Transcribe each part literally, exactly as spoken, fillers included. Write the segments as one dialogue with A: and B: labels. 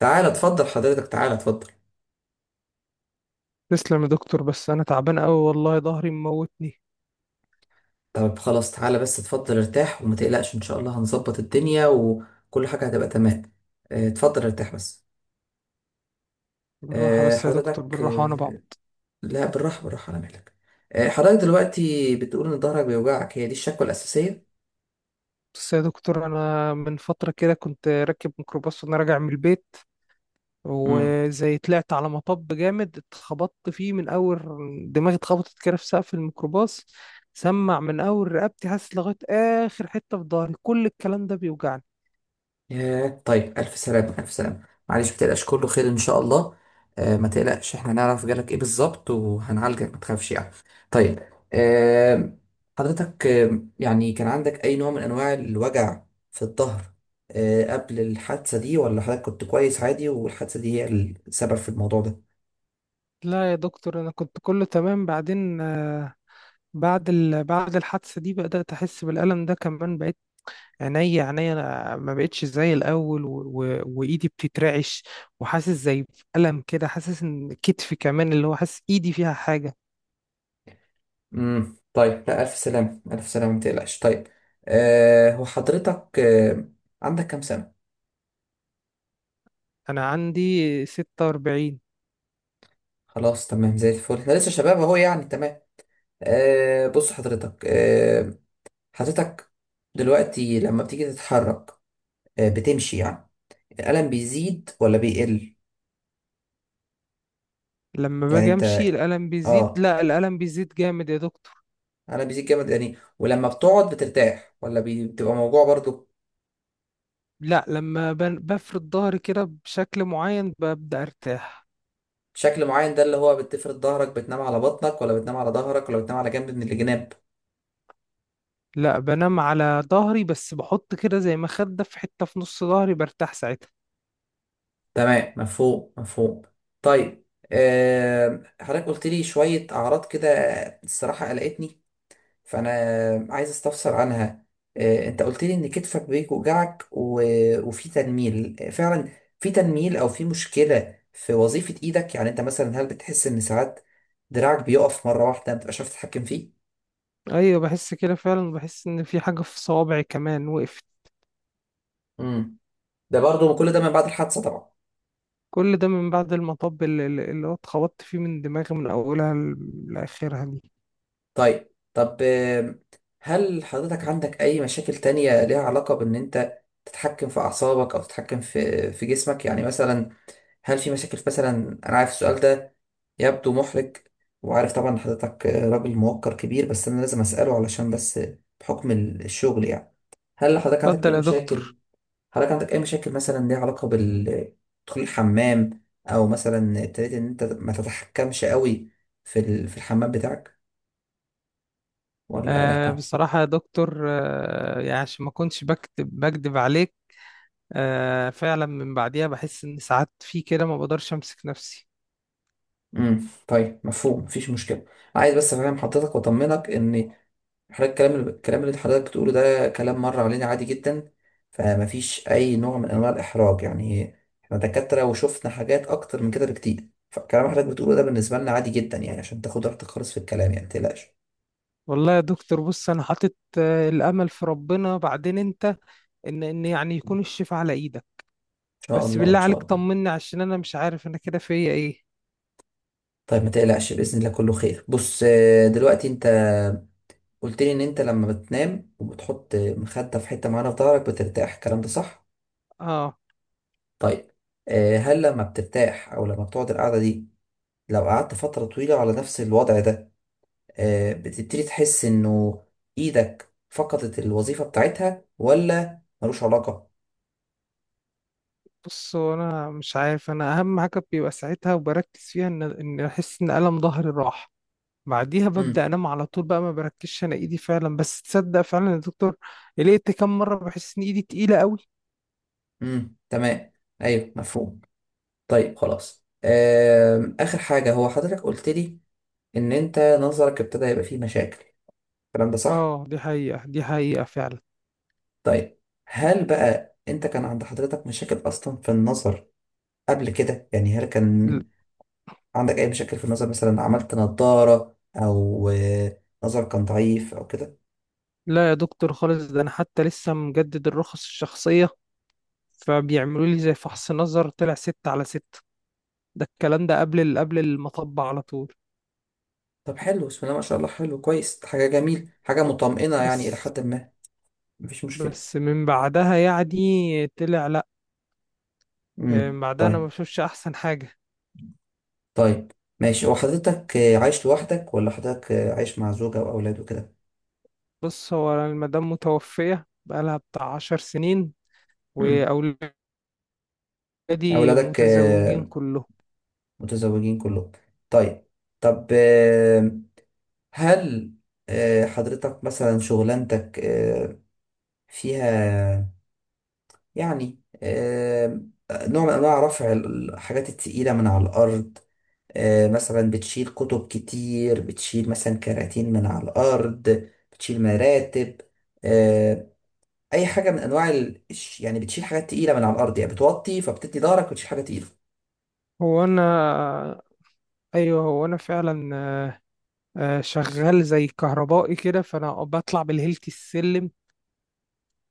A: تعالى اتفضل حضرتك تعالى اتفضل.
B: تسلم يا دكتور، بس انا تعبان قوي والله ظهري مموتني.
A: طب خلاص تعالى بس اتفضل ارتاح وما تقلقش ان شاء الله هنظبط الدنيا وكل حاجة هتبقى تمام. اه، اتفضل ارتاح بس.
B: بالراحه
A: اه،
B: بس يا دكتور
A: حضرتك
B: بالراحه وانا
A: اه،
B: بعبط.
A: لا بالراحة بالراحة على مهلك. اه، حضرتك دلوقتي بتقول ان ظهرك بيوجعك، هي دي الشكوى الأساسية؟
B: بس يا دكتور انا من فتره كده كنت راكب ميكروباص وانا راجع من البيت،
A: مم.
B: وزي طلعت على مطب جامد اتخبطت فيه من اول دماغي، اتخبطت كده في سقف الميكروباص، سمع من اول رقبتي حاسس لغايه اخر حته في ظهري، كل الكلام ده بيوجعني.
A: ياه، طيب ألف سلامة ألف سلامة. معلش متقلقش كله خير إن شاء الله. آه، ما تقلقش إحنا نعرف جالك إيه بالظبط وهنعالجك ما تخافش يعني. طيب. آه حضرتك آه يعني كان عندك أي نوع من أنواع الوجع في الظهر آه قبل الحادثة دي، ولا حضرتك كنت كويس عادي والحادثة دي هي السبب في الموضوع ده؟
B: لا يا دكتور انا كنت كله تمام، بعدين آه، بعد ال... بعد الحادثه دي بدات احس بالالم ده، كمان بقيت عينيا عينيا انا ما بقتش زي الاول، و... و... وايدي بتترعش، وحاسس زي بألم كده، حاسس ان كتفي كمان اللي هو حاسس ايدي فيها حاجة.
A: امم طيب، لا ألف سلامة ألف سلامة ما تقلقش. طيب، آه هو حضرتك آه عندك كام سنة؟
B: انا عندي ستة وأربعين.
A: خلاص تمام زي الفل، إحنا لسه شباب أهو يعني تمام. آه بص حضرتك، آه حضرتك دلوقتي لما بتيجي تتحرك، آه بتمشي يعني الألم بيزيد ولا بيقل؟
B: لما
A: يعني
B: باجي
A: انت
B: امشي الألم بيزيد،
A: اه
B: لا الألم بيزيد جامد يا دكتور.
A: الألم بيزيد جامد يعني، ولما بتقعد بترتاح ولا بي- بتبقى موجوع برضو؟
B: لا لما ب... بفرد ظهري كده بشكل معين ببدأ ارتاح.
A: شكل معين ده اللي هو بتفرد ظهرك، بتنام على بطنك ولا بتنام على ظهرك ولا بتنام على جنب من الجناب؟
B: لا بنام على ظهري، بس بحط كده زي مخدة في حتة في نص ظهري برتاح ساعتها.
A: تمام، مفهوم مفهوم. طيب، آه حضرتك قلت لي شوية أعراض كده الصراحة قلقتني، فانا عايز استفسر عنها. آه، انت قلت لي ان كتفك بيوجعك و- وفي تنميل فعلا، في تنميل او في مشكله في وظيفه ايدك، يعني انت مثلا هل بتحس ان ساعات دراعك بيقف مره واحده ما بتبقاش عارف تتحكم فيه؟
B: ايوه بحس كده فعلا، بحس ان في حاجة في صوابعي كمان وقفت.
A: امم ده برضو كل ده من بعد الحادثه طبعا.
B: كل ده من بعد المطب اللي, اللي هو اتخبطت فيه من دماغي من أولها ل- لآخرها دي.
A: طيب طب آه، هل حضرتك عندك اي مشاكل تانية ليها علاقه بان انت تتحكم في اعصابك او تتحكم في في جسمك، يعني مثلا هل في مشاكل مثلا؟ انا عارف السؤال ده يبدو محرج، وعارف طبعا إن حضرتك راجل موقر كبير، بس انا لازم اساله علشان بس بحكم الشغل يعني. هل حضرتك عندك اي
B: اتفضل يا
A: مشاكل؟
B: دكتور.
A: حضرتك عندك اي مشاكل مثلا ليها علاقه بال دخول الحمام، او مثلا ابتديت ان انت ما تتحكمش قوي في ال- في الحمام بتاعك ولا
B: آه
A: لا؟
B: بصراحة يا دكتور، آه يعني عشان ما كنتش بكتب بكدب عليك. آه فعلا من بعديها بحس إن ساعات في كده ما بقدرش أمسك نفسي.
A: امم طيب، مفهوم، مفيش مشكله. عايز بس افهم حضرتك واطمنك ان حضرتك الكلام اللي الكلام اللي حضرتك بتقوله ده كلام مر علينا عادي جدا، فمفيش أي نوع من أنواع الإحراج يعني. إحنا دكاترة وشفنا حاجات أكتر من كده بكتير، فالكلام حضرتك بتقوله ده بالنسبة لنا عادي جدا يعني، عشان تاخد راحتك خالص في الكلام يعني متقلقش. إن
B: والله يا دكتور بص أنا حاطط آه الأمل في ربنا، بعدين أنت، إن إن يعني يكون الشفاء على إيدك.
A: شاء
B: بس
A: الله
B: بالله
A: إن شاء
B: عليك
A: الله
B: طمني، عشان أنا مش عارف أنا كده فيا إيه.
A: طيب ما تقلقش بإذن الله كله خير. بص آه، دلوقتي أنت قلت لي إن أنت لما بتنام وبتحط مخدة في حتة معينة في ظهرك بترتاح، الكلام ده صح؟
B: آه.
A: طيب، آه، هل لما بترتاح أو لما بتقعد القعدة دي لو قعدت فترة طويلة على نفس الوضع ده، آه، بتبتدي تحس انه ايدك فقدت الوظيفة بتاعتها، ولا ملوش علاقة؟
B: بص هو انا مش عارف، انا اهم حاجه بيبقى ساعتها وبركز فيها ان ان احس ان الم ظهري راح، بعديها ببدا
A: امم
B: انام على طول بقى، ما بركزش انا ايدي فعلا، بس تصدق فعلا يا دكتور، لقيت كم مره بحس ان ايدي تقيله قوي.
A: امم تمام، ايوه مفهوم. طيب خلاص، آم، اخر حاجة هو حضرتك قلت لي ان انت نظرك ابتدى يبقى فيه مشاكل، الكلام ده صح؟
B: اه دي حقيقه، دي حقيقه فعلا.
A: طيب، هل بقى انت كان عند حضرتك مشاكل اصلا في النظر قبل كده؟ يعني هل كان
B: ل-
A: عندك اي مشاكل في النظر، مثلا عملت نضارة او آه، نظر كان ضعيف او كده؟
B: لا يا دكتور خالص، ده انا حتى لسه مجدد الرخص الشخصيه، فبيعملوا لي زي فحص نظر طلع ستة على ستة، ده الكلام ده قبل ال- قبل المطب على طول.
A: طب حلو، بسم الله ما شاء الله، حلو كويس، حاجة جميل، حاجة
B: ب-
A: مطمئنة يعني إلى
B: بس.
A: حد ما. مفيش مشكلة.
B: بس من بعدها يعني طلع. آه،
A: امم
B: بعدها انا ما
A: طيب.
B: بشوفش احسن حاجه.
A: طيب ماشي، هو حضرتك آه، عايش لوحدك ولا حضرتك آه، عايش مع زوجة وأولاد وكده؟
B: بص هو المدام متوفيه بقالها بتاع عشر سنين،
A: امم
B: واولادي
A: أولادك
B: متزوجين
A: آه،
B: كلهم.
A: متزوجين كلهم؟ طيب. طب آه، هل آه، حضرتك مثلا شغلانتك آه، فيها يعني آه، نوع من أنواع رفع الحاجات التقيلة من على الأرض؟ آه، مثلا بتشيل كتب كتير، بتشيل مثلا كراتين من على الأرض، بتشيل مراتب، آه، أي حاجة من أنواع ال... الش- يعني بتشيل حاجات تقيلة من على الأرض، يعني بتوطي فبتدي ظهرك وتشيل حاجة تقيلة؟
B: هو انا ايوه هو انا فعلا، آه، شغال زي كهربائي كده، فانا بطلع بالهيلتي السلم،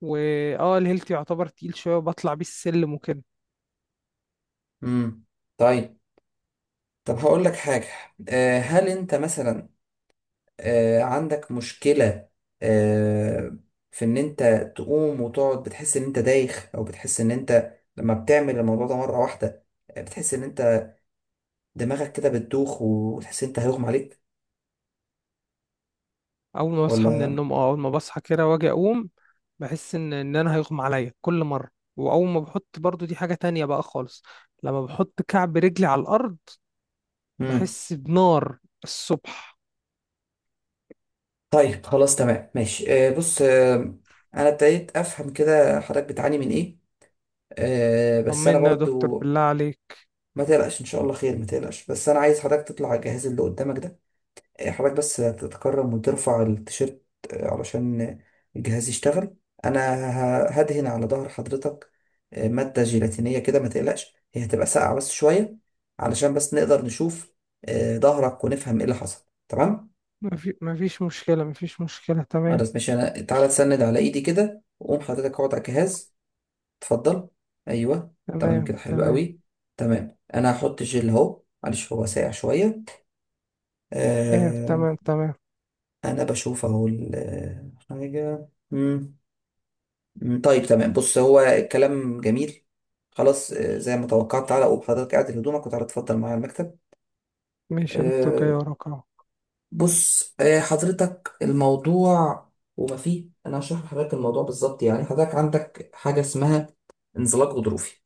B: واه الهيلتي يعتبر تقيل شويه وبطلع بيه السلم وكده.
A: امم طيب. طب هقول لك حاجة، آه، هل أنت مثلا آه، عندك مشكلة آه، في إن أنت تقوم وتقعد بتحس إن أنت دايخ، أو بتحس إن أنت لما بتعمل الموضوع ده مرة واحدة آه، بتحس إن أنت دماغك كده بتدوخ وتحس إن أنت هيغمى عليك،
B: اول ما بصحى من
A: ولا؟
B: النوم، اه اول ما بصحى كده واجي اقوم بحس ان ان انا هيغمى عليا كل مره. واول ما بحط برضو دي حاجه تانية بقى خالص، لما بحط كعب رجلي على الارض
A: امم
B: بحس بنار الصبح.
A: طيب خلاص تمام ماشي، آه بص آه انا ابتديت افهم كده حضرتك بتعاني من ايه. آه بس انا
B: طمنا يا دكتور
A: برضو
B: بالله عليك.
A: ما تقلقش ان شاء الله خير، ما تقلقش. بس انا عايز حضرتك تطلع على الجهاز اللي قدامك ده، آه، حضرتك بس تتكرم وترفع التيشيرت آه علشان الجهاز يشتغل. انا ه- هدهن على ظهر حضرتك آه مادة جيلاتينية كده ما تقلقش، هي هتبقى ساقعة بس شوية، علشان بس نقدر نشوف آه ظهرك ونفهم ايه اللي حصل، تمام؟
B: مفي... مفيش مشكلة، مفيش مشكلة تمام.
A: خلاص ماشي، انا تعالى تسند على ايدي كده وقوم حضرتك اقعد على الجهاز. اتفضل، ايوه تمام
B: تمام
A: كده، حلو
B: تمام.
A: قوي. تمام انا هحط جل اهو، معلش هو ساقع شويه.
B: ايه
A: آه
B: تمام تمام.
A: انا بشوف اهو ال- حاجه. مم. مم، طيب تمام، بص هو الكلام جميل، خلاص آه، زي ما توقعت. تعالى قوم حضرتك اعدل هدومك، وتعالى اتفضل معايا على المكتب.
B: ماشي يا دكتور، جاي
A: آه
B: وراك اهو.
A: بص آه حضرتك الموضوع وما فيه انا هشرح لحضرتك الموضوع بالظبط. يعني حضرتك عندك حاجه اسمها انزلاق غضروفي،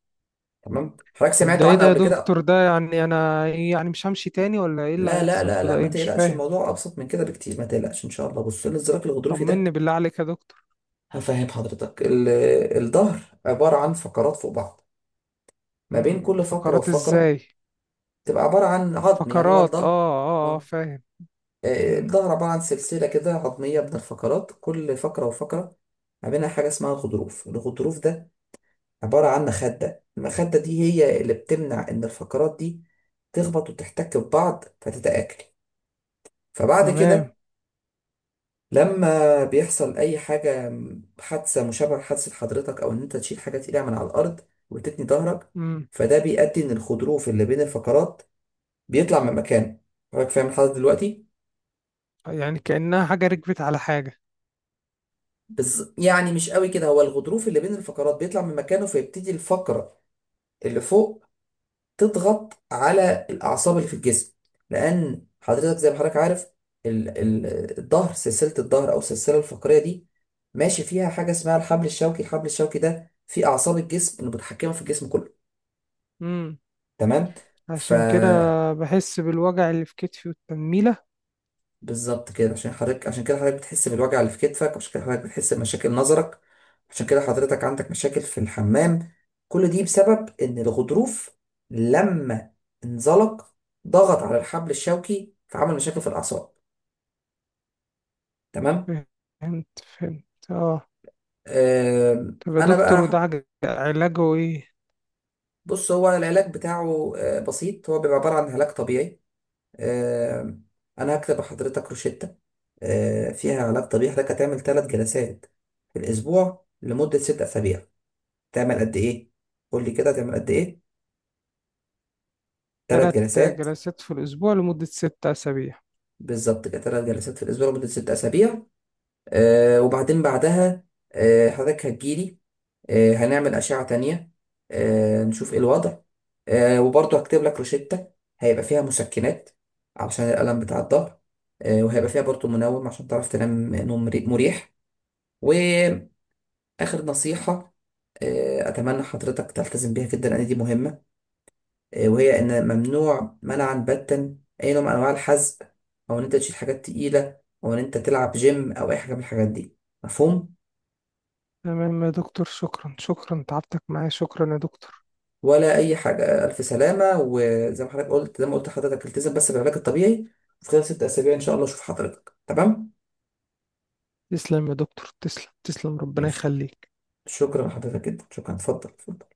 A: تمام؟ حضرتك
B: طب ده
A: سمعتوا
B: ايه
A: عنه
B: ده يا
A: قبل كده؟
B: دكتور؟ ده يعني انا إيه؟ يعني مش همشي تاني ولا ايه اللي
A: لا لا
B: هيحصل
A: لا
B: في ده؟
A: لا ما
B: ايه مش
A: تقلقش،
B: فاهم.
A: الموضوع ابسط من كده بكتير، ما تقلقش ان شاء الله. بص الانزلاق الغضروفي ده
B: طمني بالله عليك يا دكتور.
A: هفهم حضرتك. ال- الظهر عباره عن فقرات فوق بعض، ما بين
B: امم،
A: كل فقره
B: فقرات
A: وفقره
B: ازاي؟
A: تبقى عباره عن عظم، يعني هو
B: فقرات، اه
A: الظهر
B: اه اه
A: آه،
B: فاهم.
A: آه،
B: امم.
A: الظهر عباره عن سلسله كده عظميه من الفقرات، كل فقره وفقره ما بينها حاجه اسمها الغضروف. الغضروف ده عباره عن مخده، المخده دي هي اللي بتمنع ان الفقرات دي تخبط وتحتك ببعض فتتآكل. فبعد
B: تمام.
A: كده لما بيحصل اي حاجه، حادثه مشابهه لحادثه حضرتك، او ان انت تشيل حاجه تقيله من على الارض وتتني ظهرك،
B: امم.
A: فده بيؤدي ان الخروف اللي بين الفقرات بيطلع من مكانه. حضرتك فاهم الحاجه دلوقتي؟
B: يعني كأنها حاجة ركبت على حاجة.
A: بس يعني مش قوي كده، هو الغضروف اللي بين الفقرات بيطلع من مكانه فيبتدي الفقره اللي فوق تضغط على الأعصاب اللي في الجسم، لأن حضرتك زي ما حضرتك عارف ال- ال- الظهر، سلسلة الظهر أو السلسلة الفقرية دي ماشي فيها حاجة اسمها الحبل الشوكي. الحبل الشوكي ده في أعصاب الجسم متحكمة في الجسم كله،
B: امم.
A: تمام؟ ف
B: عشان كده بحس بالوجع اللي في كتفي والتنميلة.
A: بالظبط كده، عشان حضرتك، عشان كده حضرتك بتحس بالوجع اللي في كتفك، عشان كده حضرتك بتحس بمشاكل نظرك، عشان كده حضرتك عندك مشاكل في الحمام. كل دي بسبب ان الغضروف لما انزلق ضغط على الحبل الشوكي فعمل مشاكل في الاعصاب، تمام.
B: فهمت فهمت. اه
A: آم،
B: تبقى
A: انا
B: دكتور، وده
A: بقى
B: عج- علاجه ايه؟
A: بص هو العلاج بتاعه آه، بسيط، هو بيبقى عبارة عن علاج طبيعي. آم، انا هكتب لحضرتك روشتة آه، فيها علاج طبيعي، حضرتك هتعمل ثلاث جلسات في الاسبوع لمدة ست اسابيع. تعمل قد ايه؟ قول لي كده تعمل قد ايه؟ ثلاث
B: تلات
A: جلسات
B: جلسات في الأسبوع لمدة ست أسابيع.
A: بالظبط كده، ثلاث جلسات في الاسبوع لمده ست اسابيع. آه وبعدين بعدها آه حضرتك هتجيلي، آه هنعمل اشعه تانية آه نشوف ايه الوضع. آه وبرضه هكتب لك روشتة هيبقى فيها مسكنات علشان الالم بتاع الظهر، آه وهيبقى فيها برضه منوم عشان تعرف تنام نوم مري- مريح. واخر نصيحه آه اتمنى حضرتك تلتزم بيها جدا لان دي مهمه، آه، وهي إن ممنوع منعا باتا أي نوع من أنواع الحزق، أو إن أنت تشيل حاجات تقيلة، أو إن أنت تلعب جيم أو أي حاجة من الحاجات دي، مفهوم؟
B: تمام يا دكتور، شكرا شكرا تعبتك معايا، شكرا يا دكتور.
A: ولا أي حاجة، ألف سلامة. وزي ما حضرتك قلت، زي ما قلت لحضرتك التزم بس بالعلاج الطبيعي، وفي خلال ست أسابيع إن شاء الله أشوف حضرتك تمام.
B: تسلم يا دكتور، تسلم تسلم ربنا
A: ماشي،
B: يخليك.
A: شكرا لحضرتك جدا، شكرا، اتفضل.